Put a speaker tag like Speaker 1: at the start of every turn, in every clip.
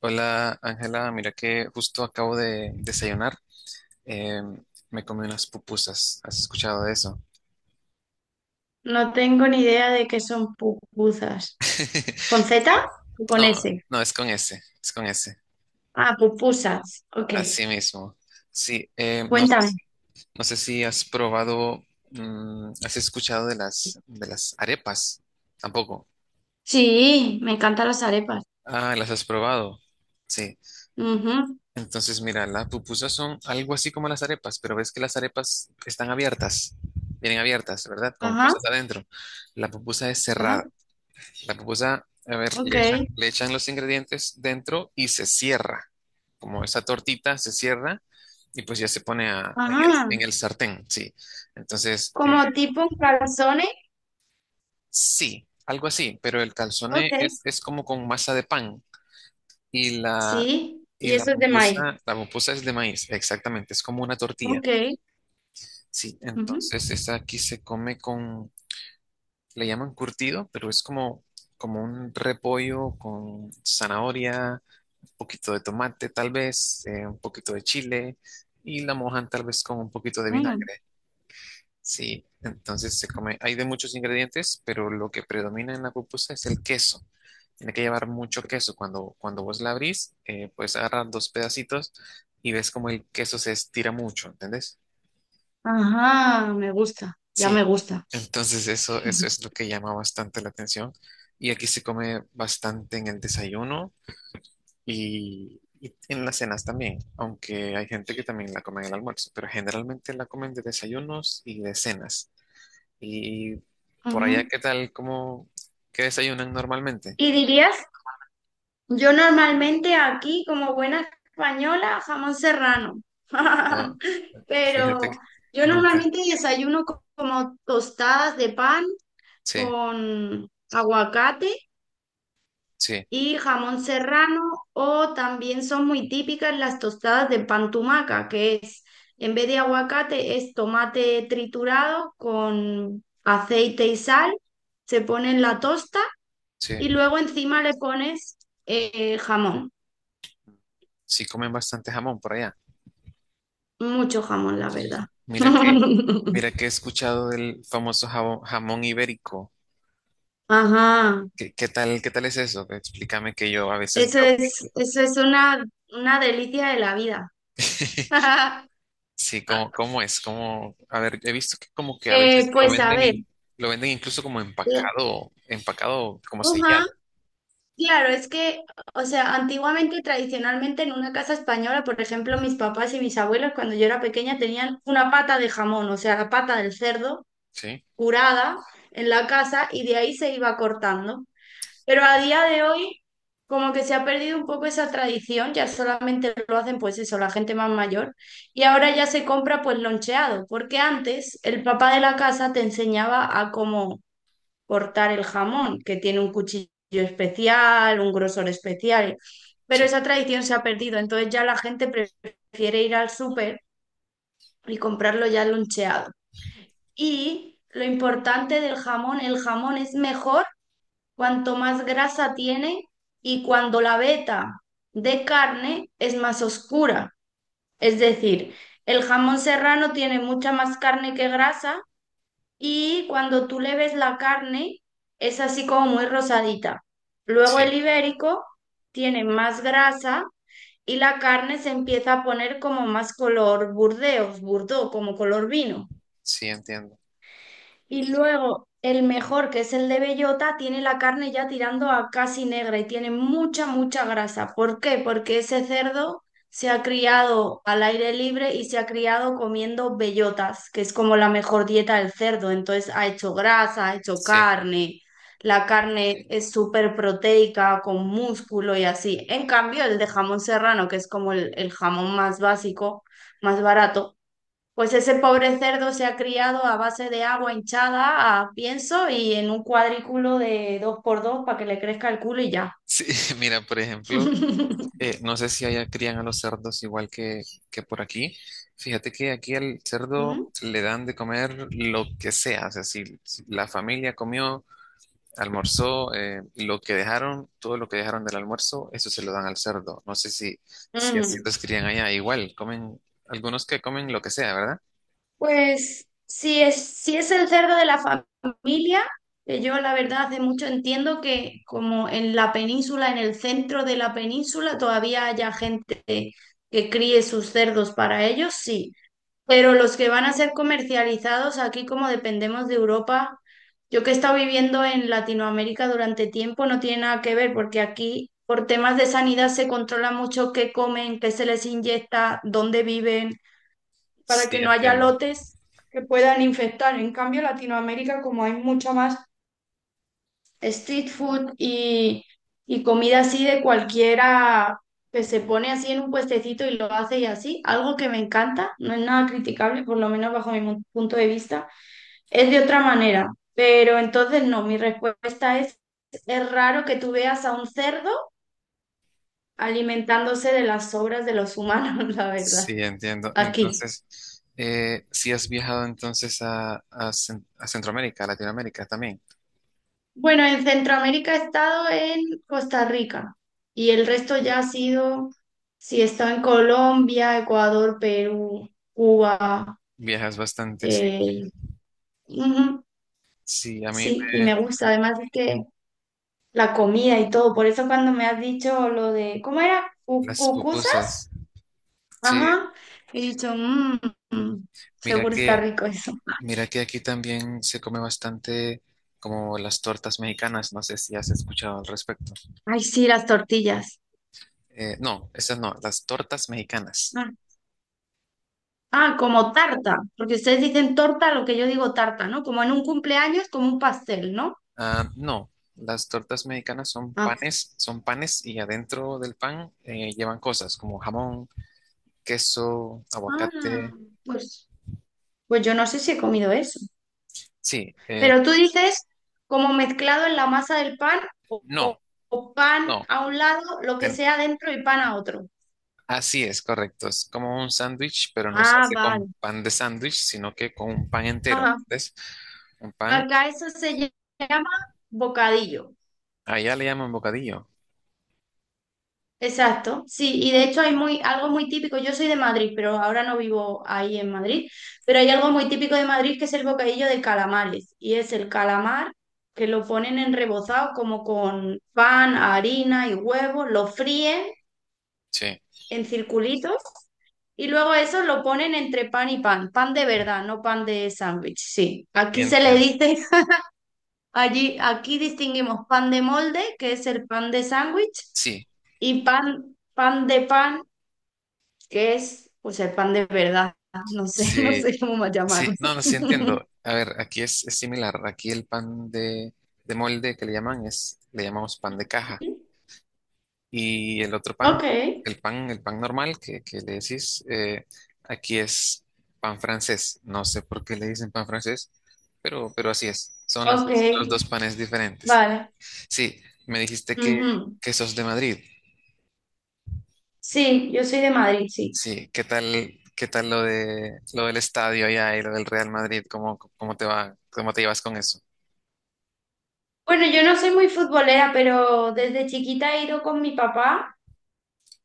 Speaker 1: Hola Ángela, mira que justo acabo de desayunar. eh, Me comí unas pupusas. ¿Has escuchado de eso?
Speaker 2: No tengo ni idea de qué son pupusas. ¿Con Z o con
Speaker 1: No,
Speaker 2: S?
Speaker 1: no, es con ese, es con ese.
Speaker 2: Ah, pupusas. Ok,
Speaker 1: Así mismo. Sí, no sé,
Speaker 2: cuéntame.
Speaker 1: no sé si has probado, has escuchado de de las arepas. Tampoco.
Speaker 2: Sí, me encantan las arepas.
Speaker 1: Ah, las has probado. Sí.
Speaker 2: Ujú.
Speaker 1: Entonces, mira, las pupusas son algo así como las arepas, pero ves que las arepas están abiertas, vienen abiertas, ¿verdad? Con
Speaker 2: Ajá.
Speaker 1: cosas adentro. La pupusa es
Speaker 2: Ajá.
Speaker 1: cerrada. La pupusa, a ver,
Speaker 2: Ok.
Speaker 1: le echan los ingredientes dentro y se cierra. Como esa tortita se cierra y pues ya se pone en
Speaker 2: Ajá.
Speaker 1: en el sartén, sí. Entonces,
Speaker 2: Como tipo calzones.
Speaker 1: sí, algo así, pero el calzone
Speaker 2: Ok.
Speaker 1: es como con masa de pan y
Speaker 2: Sí, y
Speaker 1: y
Speaker 2: eso es de maíz.
Speaker 1: la pupusa es de maíz, exactamente, es como una tortilla,
Speaker 2: Ok.
Speaker 1: sí.
Speaker 2: Ujú.
Speaker 1: Entonces, esta aquí se come con, le llaman curtido, pero es como, como un repollo con zanahoria poquito de tomate tal vez, un poquito de chile y la mojan tal vez con un poquito de
Speaker 2: Mm.
Speaker 1: vinagre. Sí, entonces se come, hay de muchos ingredientes, pero lo que predomina en la pupusa es el queso. Tiene que llevar mucho queso. Cuando vos la abrís, puedes agarrar dos pedacitos y ves como el queso se estira mucho, ¿entendés?
Speaker 2: Ajá, me gusta, ya me
Speaker 1: Sí,
Speaker 2: gusta.
Speaker 1: entonces eso es lo que llama bastante la atención. Y aquí se come bastante en el desayuno y en las cenas también, aunque hay gente que también la come en el almuerzo, pero generalmente la comen de desayunos y de cenas. Y por allá,
Speaker 2: Ujú.
Speaker 1: ¿qué tal? ¿Cómo, qué desayunan normalmente?
Speaker 2: ¿Y dirías Yo normalmente aquí, como buena española, jamón serrano.
Speaker 1: No, fíjate
Speaker 2: Pero
Speaker 1: que
Speaker 2: yo
Speaker 1: nunca.
Speaker 2: normalmente desayuno como tostadas de pan
Speaker 1: Sí,
Speaker 2: con aguacate
Speaker 1: sí,
Speaker 2: y jamón serrano, o también son muy típicas las tostadas de pan tumaca, que es, en vez de aguacate, es tomate triturado con aceite y sal, se pone en la tosta
Speaker 1: sí.
Speaker 2: y luego encima le pones jamón.
Speaker 1: Sí comen bastante jamón por allá.
Speaker 2: Mucho jamón, la verdad.
Speaker 1: Mira que, mira que he escuchado del famoso jamón, ibérico.
Speaker 2: Ajá.
Speaker 1: ¿Qué, qué tal es eso? Explícame que yo a veces
Speaker 2: Eso
Speaker 1: veo.
Speaker 2: es, eso es una delicia de la vida.
Speaker 1: Sí, ¿cómo, cómo es? ¿Cómo? A ver, he visto que como que a
Speaker 2: Eh,
Speaker 1: veces lo
Speaker 2: pues a
Speaker 1: venden
Speaker 2: ver,
Speaker 1: y lo venden incluso como
Speaker 2: la-
Speaker 1: empacado, empacado como
Speaker 2: ajá,
Speaker 1: sellado.
Speaker 2: claro, es que, o sea, antiguamente y tradicionalmente en una casa española, por ejemplo, mis papás y mis abuelos cuando yo era pequeña tenían una pata de jamón, o sea, la pata del cerdo
Speaker 1: Sí,
Speaker 2: curada en la casa y de ahí se iba cortando. Pero a día de hoy, como que se ha perdido un poco esa tradición, ya solamente lo hacen pues eso, la gente más mayor, y ahora ya se compra pues loncheado, porque antes el papá de la casa te enseñaba a cómo cortar el jamón, que tiene un cuchillo especial, un grosor especial, pero
Speaker 1: sí,
Speaker 2: esa tradición se ha perdido, entonces ya la gente prefiere ir al súper y comprarlo ya loncheado. Y lo importante del jamón, el jamón es mejor cuanto más grasa tiene y cuando la veta de carne es más oscura. Es decir, el jamón serrano tiene mucha más carne que grasa y cuando tú le ves la carne es así como muy rosadita. Luego el
Speaker 1: sí,
Speaker 2: ibérico tiene más grasa y la carne se empieza a poner como más color burdeos, burdo, como color vino.
Speaker 1: sí, entiendo.
Speaker 2: Y luego el mejor, que es el de bellota, tiene la carne ya tirando a casi negra y tiene mucha, mucha grasa. ¿Por qué? Porque ese cerdo se ha criado al aire libre y se ha criado comiendo bellotas, que es como la mejor dieta del cerdo. Entonces ha hecho grasa, ha hecho
Speaker 1: Sí,
Speaker 2: carne. La carne es súper proteica, con músculo y así. En cambio, el de jamón serrano, que es como el jamón más básico, más barato, pues ese pobre cerdo se ha criado a base de agua hinchada, a pienso y en un cuadrículo de dos por dos para que le crezca el culo y ya.
Speaker 1: sí, mira, por ejemplo, no sé si allá crían a los cerdos igual que por aquí. Fíjate que aquí al cerdo
Speaker 2: Ujú.
Speaker 1: le dan de comer lo que sea. O sea, si la familia comió. Almorzó, lo que dejaron, todo lo que dejaron del almuerzo, eso se lo dan al cerdo. No sé si, si así
Speaker 2: Ujú.
Speaker 1: los crían allá. Igual, comen, algunos que comen lo que sea, ¿verdad?
Speaker 2: Pues si es el cerdo de la familia, que yo la verdad hace mucho entiendo que como en la península, en el centro de la península, todavía haya gente que críe sus cerdos para ellos, sí. Pero los que van a ser comercializados aquí, como dependemos de Europa, yo que he estado viviendo en Latinoamérica durante tiempo, no tiene nada que ver porque aquí por temas de sanidad se controla mucho qué comen, qué se les inyecta, dónde viven, para
Speaker 1: Sí,
Speaker 2: que no haya
Speaker 1: entiendo.
Speaker 2: lotes que puedan infectar. En cambio, Latinoamérica, como hay mucha más street food y comida así de cualquiera que se pone así en un puestecito y lo hace y así, algo que me encanta, no es nada criticable, por lo menos bajo mi punto de vista, es de otra manera, pero entonces no, mi respuesta es raro que tú veas a un cerdo alimentándose de las sobras de los humanos, la verdad,
Speaker 1: Sí, entiendo.
Speaker 2: aquí.
Speaker 1: Entonces, si has viajado entonces a Centroamérica, a Latinoamérica también.
Speaker 2: Bueno, en Centroamérica he estado en Costa Rica y el resto ya ha sido, sí, he estado en Colombia, Ecuador, Perú, Cuba,
Speaker 1: Viajas bastante, sí.
Speaker 2: eh, ujú,
Speaker 1: Sí,
Speaker 2: sí, y me gusta. Además es que la comida y todo, por eso cuando me has dicho lo de, ¿cómo era?
Speaker 1: las
Speaker 2: Cucusa?
Speaker 1: pupusas. Sí,
Speaker 2: Ajá, he dicho, "Mm, mm,
Speaker 1: mira
Speaker 2: seguro está
Speaker 1: que,
Speaker 2: rico eso".
Speaker 1: mira que aquí también se come bastante como las tortas mexicanas. No sé si has escuchado al respecto.
Speaker 2: Ay, sí, las tortillas.
Speaker 1: No, esas no, las tortas mexicanas.
Speaker 2: Ah, como tarta, porque ustedes dicen torta, lo que yo digo tarta, ¿no? Como en un cumpleaños, como un pastel, ¿no?
Speaker 1: Ah, no, las tortas mexicanas
Speaker 2: Ah,
Speaker 1: son panes y adentro del pan llevan cosas como jamón, queso,
Speaker 2: ah,
Speaker 1: aguacate.
Speaker 2: pues, pues yo no sé si he comido eso.
Speaker 1: Sí,
Speaker 2: Pero tú dices como mezclado en la masa del pan o,
Speaker 1: no,
Speaker 2: o- o pan
Speaker 1: no,
Speaker 2: a un lado, lo que
Speaker 1: ten-
Speaker 2: sea dentro y pan a otro.
Speaker 1: así es, correcto. Es como un sándwich, pero no se
Speaker 2: Ah,
Speaker 1: hace
Speaker 2: vale.
Speaker 1: con pan de sándwich, sino que con un pan entero.
Speaker 2: Ajá.
Speaker 1: ¿Ves? Un pan,
Speaker 2: Acá eso se llama bocadillo.
Speaker 1: allá le llaman bocadillo.
Speaker 2: Exacto, sí, y de hecho hay algo muy típico, yo soy de Madrid, pero ahora no vivo ahí en Madrid, pero hay algo muy típico de Madrid que es el bocadillo de calamares, y es el calamar que lo ponen en rebozado como con pan, harina y huevo lo fríen
Speaker 1: Sí,
Speaker 2: en circulitos y luego eso lo ponen entre pan y pan, pan de verdad, no pan de sándwich, sí. Aquí se le
Speaker 1: entiendo.
Speaker 2: dice, allí, aquí distinguimos pan de molde, que es el pan de sándwich,
Speaker 1: Sí,
Speaker 2: y pan, pan de pan, que es? O sea, pan de verdad. No sé, no
Speaker 1: sí.
Speaker 2: sé cómo más
Speaker 1: Sí,
Speaker 2: llamarlo.
Speaker 1: no, no, sí entiendo. A ver, aquí es similar. Aquí el pan de molde que le llaman es, le llamamos pan de caja. Y el otro pan,
Speaker 2: Ok,
Speaker 1: el pan normal que le decís, aquí es pan francés. No sé por qué le dicen pan francés, pero así es. Son
Speaker 2: ok,
Speaker 1: los dos panes diferentes.
Speaker 2: vale.
Speaker 1: Sí, me dijiste
Speaker 2: Ujú.
Speaker 1: que sos de Madrid.
Speaker 2: Sí, yo soy de Madrid, sí.
Speaker 1: Sí, qué tal lo lo del estadio allá y lo del Real Madrid? ¿Cómo, cómo te va, cómo te llevas con eso?
Speaker 2: Bueno, yo no soy muy futbolera, pero desde chiquita he ido con mi papá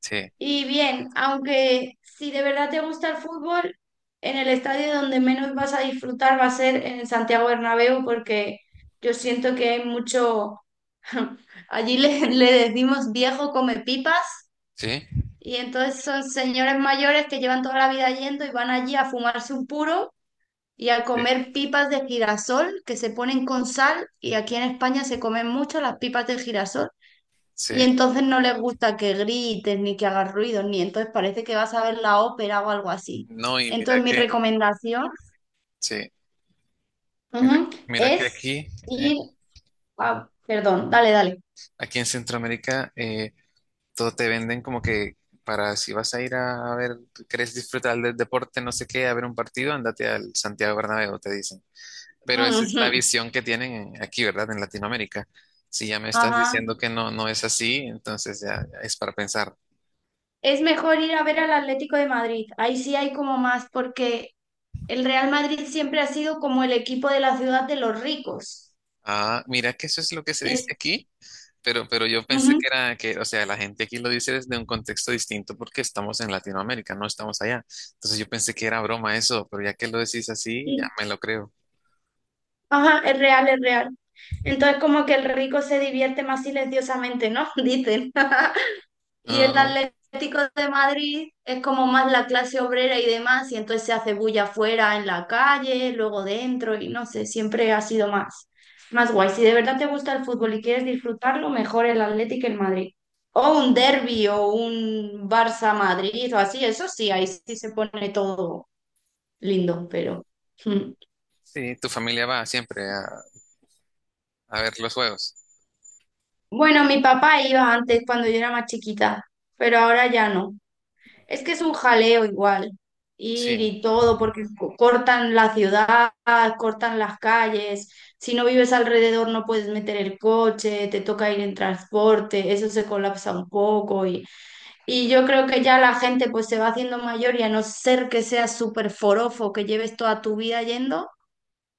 Speaker 1: Sí,
Speaker 2: y bien, aunque si de verdad te gusta el fútbol, en el estadio donde menos vas a disfrutar va a ser en el Santiago Bernabéu porque yo siento que hay mucho, allí le decimos viejo come pipas.
Speaker 1: sí.
Speaker 2: Y entonces son señores mayores que llevan toda la vida yendo y van allí a fumarse un puro y a
Speaker 1: Sí,
Speaker 2: comer pipas de girasol que se ponen con sal. Y aquí en España se comen mucho las pipas de girasol.
Speaker 1: sí.
Speaker 2: Y entonces no les gusta que grites ni que hagas ruido, ni entonces parece que vas a ver la ópera o algo así.
Speaker 1: No, y mira
Speaker 2: Entonces mi
Speaker 1: que,
Speaker 2: recomendación,
Speaker 1: sí, mira,
Speaker 2: ujú,
Speaker 1: mira que
Speaker 2: es
Speaker 1: aquí, eh,
Speaker 2: ir a. Perdón, dale, dale.
Speaker 1: aquí en Centroamérica, todo te venden como que para si vas a ir a, ver, querés disfrutar del deporte, no sé qué, a ver un partido, andate al Santiago Bernabéu, te dicen. Pero esa es
Speaker 2: Ujú.
Speaker 1: la visión que tienen aquí, ¿verdad? En Latinoamérica. Si ya me estás
Speaker 2: Ajá.
Speaker 1: diciendo que no, no es así, entonces ya es para pensar.
Speaker 2: Es mejor ir a ver al Atlético de Madrid. Ahí sí hay como más porque el Real Madrid siempre ha sido como el equipo de la ciudad de los ricos.
Speaker 1: Ah, mira que eso es lo que se dice
Speaker 2: En-
Speaker 1: aquí. Pero yo pensé
Speaker 2: ujú,
Speaker 1: que era que, o sea, la gente aquí lo dice desde un contexto distinto porque estamos en Latinoamérica, no estamos allá. Entonces yo pensé que era broma eso, pero ya que lo decís así, ya
Speaker 2: y-
Speaker 1: me lo creo.
Speaker 2: Ajá, es real, es real. Entonces como que el rico se divierte más silenciosamente, ¿no? Dicen. Y
Speaker 1: No,
Speaker 2: el
Speaker 1: no.
Speaker 2: Atlético de Madrid es como más la clase obrera y demás, y entonces se hace bulla afuera en la calle, luego dentro, y no sé, siempre ha sido más, más guay. Si de verdad te gusta el fútbol y quieres disfrutarlo, mejor el Atlético que el Madrid. O un derbi o un Barça-Madrid o así, eso sí, ahí sí se pone todo lindo, pero, mm.
Speaker 1: Sí, tu familia va siempre a ver los juegos.
Speaker 2: Bueno, mi papá iba antes cuando yo era más chiquita, pero ahora ya no. Es que es un jaleo igual, ir
Speaker 1: Sí,
Speaker 2: y todo, porque cortan la ciudad, cortan las calles, si no vives alrededor no puedes meter el coche, te toca ir en transporte, eso se colapsa un poco y yo creo que ya la gente pues se va haciendo mayor y a no ser que seas súper forofo, que lleves toda tu vida yendo,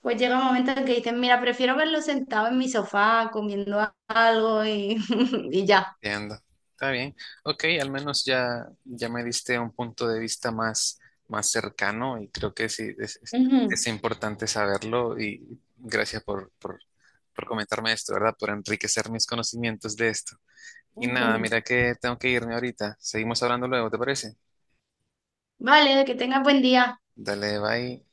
Speaker 2: pues llega un momento en que dicen, mira, prefiero verlo sentado en mi sofá comiendo algo y, y ya.
Speaker 1: entiendo. Está bien. Ok, al menos ya me diste un punto de vista más, más cercano y creo que sí,
Speaker 2: Ujú.
Speaker 1: es importante saberlo y gracias por comentarme esto, ¿verdad? Por enriquecer mis conocimientos de esto. Y nada,
Speaker 2: Ujú.
Speaker 1: mira que tengo que irme ahorita. Seguimos hablando luego, ¿te parece?
Speaker 2: Vale, que tengas buen día.
Speaker 1: Dale, bye.